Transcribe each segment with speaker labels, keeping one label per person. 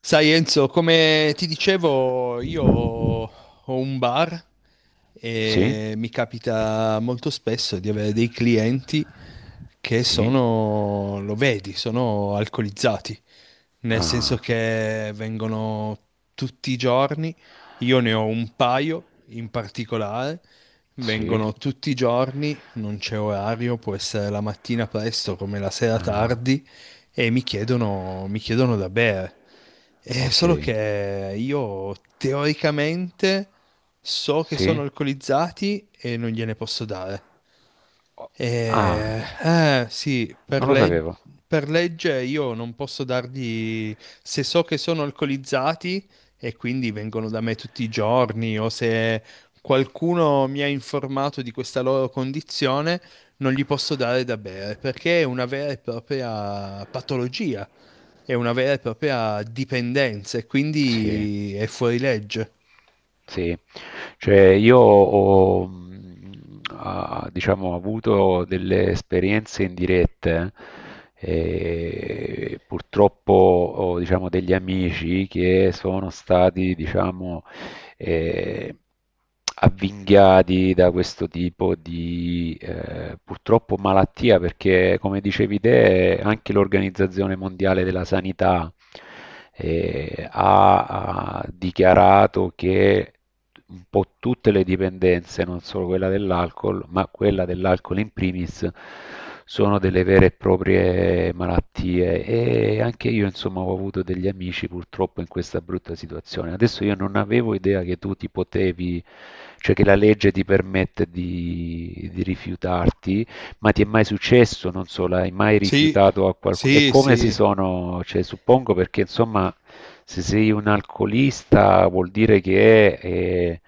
Speaker 1: Sai Enzo, come ti dicevo, io ho un bar
Speaker 2: Sì,
Speaker 1: e mi capita molto spesso di avere dei clienti che
Speaker 2: sì,
Speaker 1: sono, lo vedi, sono alcolizzati nel senso
Speaker 2: ah,
Speaker 1: che vengono tutti i giorni, io ne ho un paio in particolare,
Speaker 2: sì,
Speaker 1: vengono tutti i giorni, non c'è orario, può essere la mattina presto come la sera
Speaker 2: ah,
Speaker 1: tardi, e mi chiedono da bere. È
Speaker 2: ok,
Speaker 1: solo che io teoricamente so che sono
Speaker 2: sì,
Speaker 1: alcolizzati e non gliene posso dare.
Speaker 2: o- ah,
Speaker 1: Sì, per
Speaker 2: non lo
Speaker 1: legge
Speaker 2: sapevo.
Speaker 1: per legge io non posso dargli, se so che sono alcolizzati e quindi vengono da me tutti i giorni o se qualcuno mi ha informato di questa loro condizione, non gli posso dare da bere perché è una vera e propria patologia, è una vera e propria dipendenza e
Speaker 2: Sì,
Speaker 1: quindi è fuori legge.
Speaker 2: sì, cioè io ho, diciamo, avuto delle esperienze indirette. Purtroppo ho, diciamo, degli amici che sono stati, diciamo, eh, avvinghiati da questo tipo di purtroppo malattia, perché come dicevi te, anche l'Organizzazione Mondiale della Sanità ha dichiarato che un po' tutte le dipendenze, non solo quella dell'alcol, ma quella dell'alcol in primis, sono delle vere e proprie malattie. E anche io insomma ho avuto degli amici purtroppo in questa brutta situazione. Adesso io non avevo idea che tu ti potevi, cioè che la legge ti permette di rifiutarti. Ma ti è mai successo? Non so, l'hai mai
Speaker 1: Sì,
Speaker 2: rifiutato a qualcuno? E
Speaker 1: sì,
Speaker 2: come si
Speaker 1: sì.
Speaker 2: sono, cioè, suppongo perché insomma, se sei un alcolista vuol dire che è,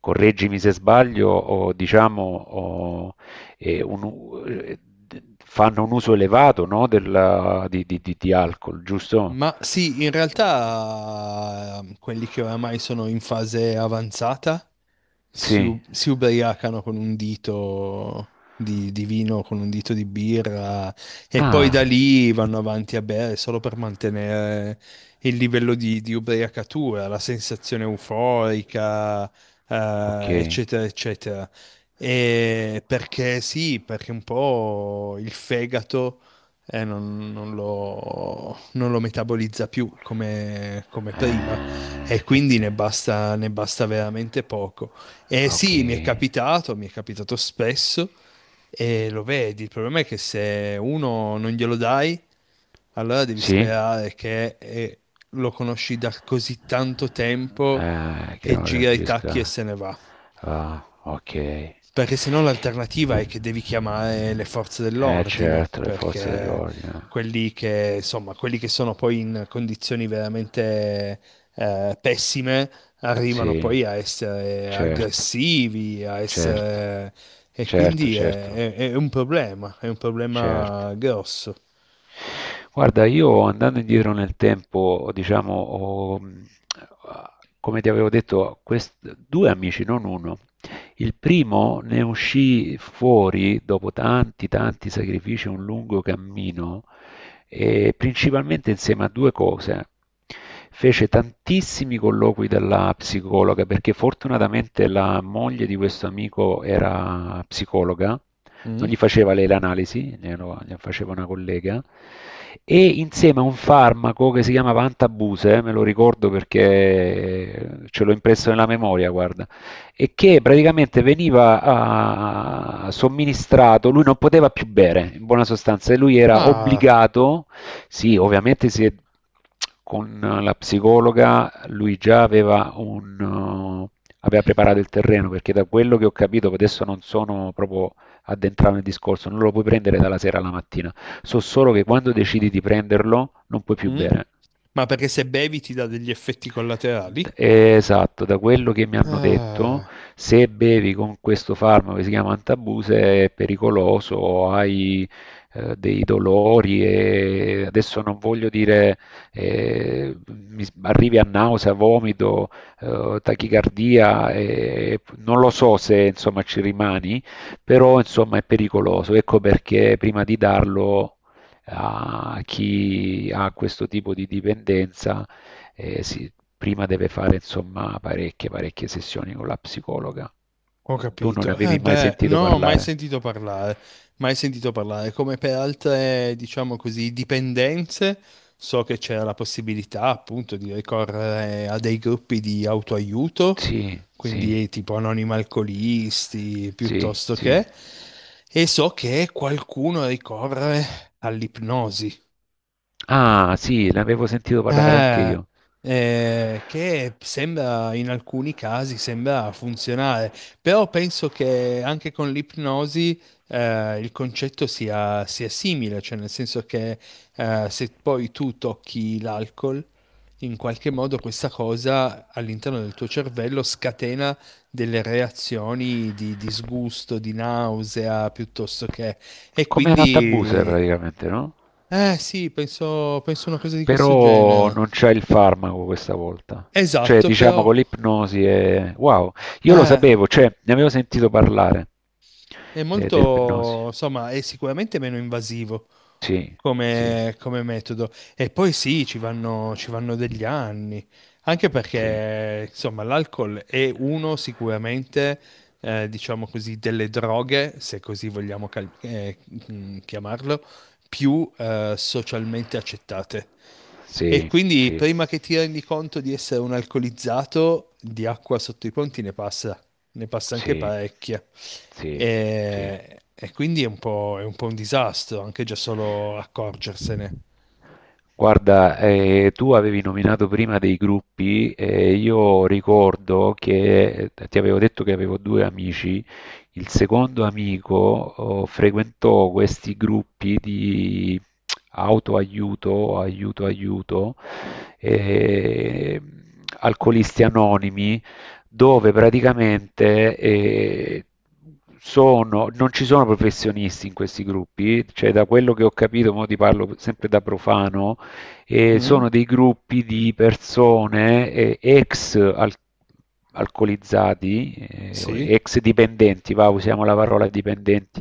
Speaker 2: correggimi se sbaglio, o diciamo, o, eh, un u- eh, fanno un uso elevato, no, di alcol, giusto?
Speaker 1: Ma sì, in realtà quelli che oramai sono in fase avanzata si,
Speaker 2: Sì.
Speaker 1: si ubriacano con un dito di vino, con un dito di birra e poi da
Speaker 2: Ah,
Speaker 1: lì vanno avanti a bere solo per mantenere il livello di ubriacatura, la sensazione euforica,
Speaker 2: ok.
Speaker 1: eccetera, eccetera. E perché sì, perché un po' il fegato non lo metabolizza più come, come prima e quindi
Speaker 2: Ecco.
Speaker 1: ne basta veramente poco. E
Speaker 2: Ok.
Speaker 1: sì, mi è capitato spesso e lo vedi. Il problema è che se uno non glielo dai, allora devi
Speaker 2: Sì?
Speaker 1: sperare che lo conosci da così tanto tempo
Speaker 2: Che
Speaker 1: che
Speaker 2: non
Speaker 1: gira i tacchi e
Speaker 2: reagisca.
Speaker 1: se ne va.
Speaker 2: Ah, ok.
Speaker 1: Perché se no l'alternativa è che devi chiamare le forze dell'ordine,
Speaker 2: Certo, le forze
Speaker 1: perché
Speaker 2: dell'ordine.
Speaker 1: quelli che sono poi in condizioni veramente pessime arrivano
Speaker 2: Sì,
Speaker 1: poi a essere
Speaker 2: certo,
Speaker 1: aggressivi, a
Speaker 2: certo,
Speaker 1: essere... e
Speaker 2: certo,
Speaker 1: quindi è,
Speaker 2: certo,
Speaker 1: è- è un problema, è un
Speaker 2: certo.
Speaker 1: problema grosso.
Speaker 2: Guarda, io andando indietro nel tempo, diciamo, ho, come ti avevo detto, due amici, non uno. Il primo ne uscì fuori dopo tanti, tanti sacrifici, un lungo cammino e principalmente insieme a due cose. Fece tantissimi colloqui dalla psicologa perché fortunatamente la moglie di questo amico era psicologa, non
Speaker 1: Mm?
Speaker 2: gli faceva lei l'analisi, gliela faceva una collega, e insieme a un farmaco che si chiamava Antabuse, me lo ricordo perché ce l'ho impresso nella memoria, guarda. E che praticamente veniva somministrato, lui non poteva più bere, in buona sostanza, e lui era
Speaker 1: Ah,
Speaker 2: obbligato, sì, ovviamente con la psicologa lui già aveva preparato il terreno, perché da quello che ho capito, adesso non sono proprio addentrato nel discorso, non lo puoi prendere dalla sera alla mattina, so solo che quando decidi di prenderlo non puoi più
Speaker 1: mm?
Speaker 2: bere.
Speaker 1: Ma perché se bevi ti dà degli effetti collaterali?
Speaker 2: Esatto, da quello che mi hanno detto,
Speaker 1: Ah.
Speaker 2: se bevi con questo farmaco che si chiama Antabuse è pericoloso, hai dei dolori e adesso non voglio dire, arrivi a nausea, vomito, tachicardia, non lo so se insomma ci rimani, però insomma è pericoloso. Ecco perché prima di darlo a chi ha questo tipo di dipendenza, sì, prima deve fare insomma parecchie, parecchie sessioni con la psicologa.
Speaker 1: Ho
Speaker 2: Tu non
Speaker 1: capito. Eh
Speaker 2: avevi mai
Speaker 1: beh,
Speaker 2: sentito
Speaker 1: no, mai
Speaker 2: parlare?
Speaker 1: sentito parlare, mai sentito parlare. Come per altre, diciamo così, dipendenze, so che c'era la possibilità appunto di ricorrere a dei gruppi di autoaiuto,
Speaker 2: Sì, sì,
Speaker 1: quindi tipo anonimi alcolisti,
Speaker 2: sì,
Speaker 1: piuttosto che,
Speaker 2: sì.
Speaker 1: e so che qualcuno ricorre all'ipnosi.
Speaker 2: Ah, sì, l'avevo sentito parlare anche
Speaker 1: Eh,
Speaker 2: io.
Speaker 1: che sembra in alcuni casi sembra funzionare, però penso che anche con l'ipnosi il concetto sia simile, cioè nel senso che se poi tu tocchi l'alcol, in qualche modo questa cosa all'interno del tuo cervello scatena delle reazioni di disgusto, di nausea, piuttosto che... E
Speaker 2: Come la tabuse
Speaker 1: quindi...
Speaker 2: praticamente, no?
Speaker 1: Eh sì, penso una cosa di questo
Speaker 2: Però
Speaker 1: genere.
Speaker 2: non c'è il farmaco questa volta. Cioè,
Speaker 1: Esatto,
Speaker 2: diciamo
Speaker 1: però
Speaker 2: con l'ipnosi è... Wow, io lo
Speaker 1: eh,
Speaker 2: sapevo, cioè, ne avevo sentito parlare
Speaker 1: è
Speaker 2: dell'ipnosi.
Speaker 1: molto, insomma, è sicuramente meno invasivo
Speaker 2: Sì, sì,
Speaker 1: come, come metodo. E poi sì, ci vanno degli anni, anche
Speaker 2: sì,
Speaker 1: perché, insomma, l'alcol è uno sicuramente, diciamo così, delle droghe, se così vogliamo chiamarlo, più socialmente accettate. E
Speaker 2: sì,
Speaker 1: quindi
Speaker 2: sì.
Speaker 1: prima che ti rendi conto di essere un alcolizzato, di acqua sotto i ponti ne passa anche
Speaker 2: Sì,
Speaker 1: parecchia.
Speaker 2: sì, sì.
Speaker 1: E quindi è un po' un disastro anche già solo accorgersene.
Speaker 2: Guarda, tu avevi nominato prima dei gruppi e io ricordo che ti avevo detto che avevo due amici. Il secondo amico frequentò questi gruppi di autoaiuto, eh, alcolisti anonimi, dove praticamente non ci sono professionisti in questi gruppi, cioè da quello che ho capito, mo ti parlo sempre da profano, sono
Speaker 1: Mm?
Speaker 2: dei gruppi di persone, ex alcolizzati,
Speaker 1: Sì?
Speaker 2: ex dipendenti, va, usiamo la parola dipendenti,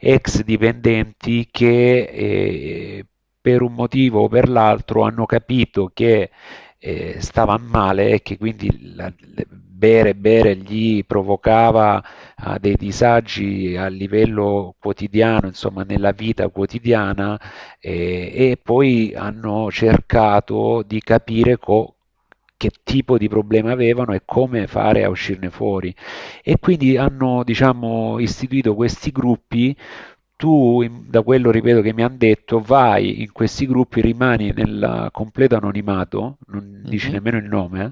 Speaker 2: ex dipendenti che per un motivo o per l'altro hanno capito che stava male e che quindi bere gli provocava dei disagi a livello quotidiano, insomma nella vita quotidiana. E poi hanno cercato di capire, che tipo di problema avevano e come fare a uscirne fuori. E quindi hanno, diciamo, istituito questi gruppi. Da quello ripeto che mi hanno detto, vai in questi gruppi, rimani nel completo anonimato, non dici
Speaker 1: Mhm.
Speaker 2: nemmeno il nome, eh?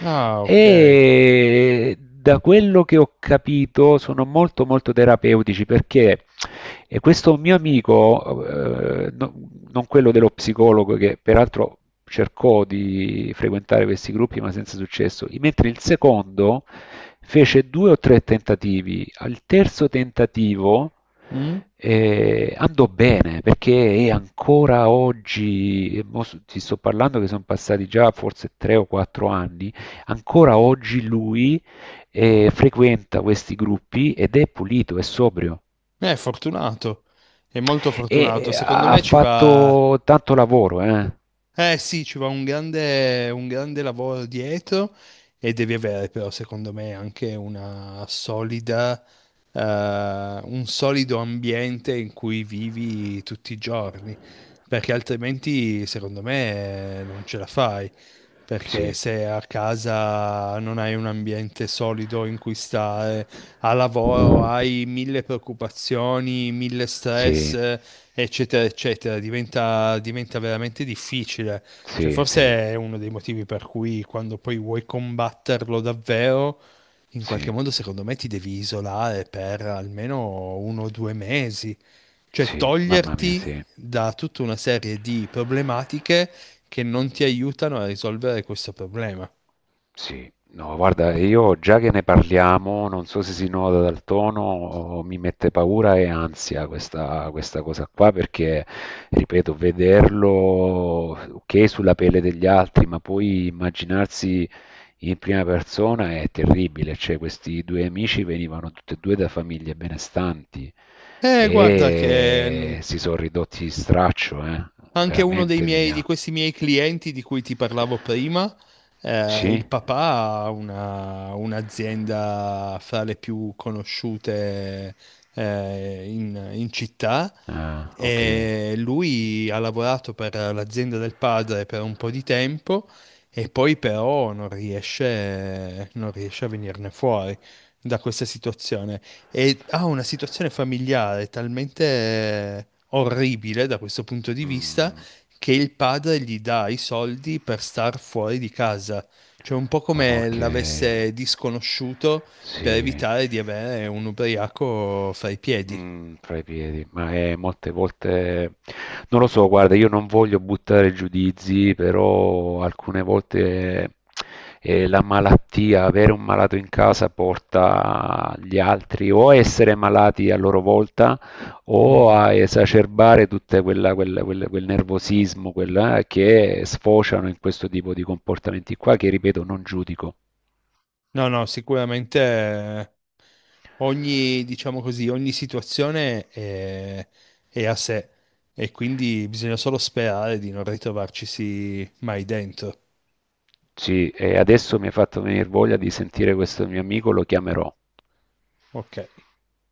Speaker 1: Ah, ok.
Speaker 2: E da quello che ho capito sono molto molto terapeutici perché, e questo mio amico, non quello dello psicologo, che peraltro cercò di frequentare questi gruppi ma senza successo, mentre il secondo fece due o tre tentativi, al terzo tentativo
Speaker 1: Mm?
Speaker 2: e andò bene, perché è ancora oggi, e mo ti sto parlando che sono passati già forse 3 o 4 anni, ancora oggi lui frequenta questi gruppi ed è pulito, è sobrio,
Speaker 1: È fortunato, è molto
Speaker 2: e
Speaker 1: fortunato. Secondo
Speaker 2: ha
Speaker 1: me ci va.
Speaker 2: fatto tanto lavoro, eh?
Speaker 1: Eh sì, ci va un grande lavoro dietro e devi avere però secondo me anche una solida, eh, un solido ambiente in cui vivi tutti i giorni, perché altrimenti secondo me non ce la fai, perché
Speaker 2: Sì,
Speaker 1: se a casa non hai un ambiente solido in cui stare, a lavoro hai mille preoccupazioni, mille
Speaker 2: sì,
Speaker 1: stress eccetera, eccetera, diventa veramente difficile. Cioè,
Speaker 2: sì,
Speaker 1: forse
Speaker 2: sì,
Speaker 1: è uno dei motivi per cui quando poi vuoi combatterlo davvero, in qualche
Speaker 2: sì,
Speaker 1: modo, secondo me, ti devi isolare per almeno uno o due mesi, cioè
Speaker 2: sì, mamma mia,
Speaker 1: toglierti
Speaker 2: sì.
Speaker 1: da tutta una serie di problematiche che non ti aiutano a risolvere questo problema.
Speaker 2: Sì, no, guarda, io già che ne parliamo, non so se si nota dal tono, o mi mette paura e ansia questa, questa cosa qua, perché, ripeto, vederlo, ok, sulla pelle degli altri, ma poi immaginarsi in prima persona è terribile. Cioè, questi due amici venivano tutti e due da famiglie benestanti
Speaker 1: Guarda che
Speaker 2: e
Speaker 1: non,
Speaker 2: si sono ridotti di straccio, eh?
Speaker 1: anche uno dei
Speaker 2: Veramente,
Speaker 1: miei, di
Speaker 2: Emilia.
Speaker 1: questi miei clienti di cui ti parlavo prima,
Speaker 2: Sì?
Speaker 1: il papà ha un'azienda fra le più conosciute, in città
Speaker 2: Ah, ok.
Speaker 1: e lui ha lavorato per l'azienda del padre per un po' di tempo e poi però non riesce a venirne fuori da questa situazione e ha una situazione familiare talmente orribile da questo punto di vista
Speaker 2: Mm.
Speaker 1: che il padre gli dà i soldi per star fuori di casa, cioè un po' come
Speaker 2: Ok,
Speaker 1: l'avesse disconosciuto per
Speaker 2: sì.
Speaker 1: evitare di avere un ubriaco fra i piedi.
Speaker 2: Fra i piedi, ma è molte volte, non lo so, guarda, io non voglio buttare giudizi, però alcune volte la malattia, avere un malato in casa porta gli altri o a essere malati a loro volta o
Speaker 1: Mm.
Speaker 2: a esacerbare tutto quel, quel nervosismo, quella, che sfociano in questo tipo di comportamenti qua, che ripeto, non giudico.
Speaker 1: No, no, sicuramente ogni, diciamo così, ogni situazione è a sé e quindi bisogna solo sperare di non ritrovarcisi mai dentro.
Speaker 2: Sì, e adesso mi hai fatto venir voglia di sentire questo mio amico, lo chiamerò.
Speaker 1: Ok.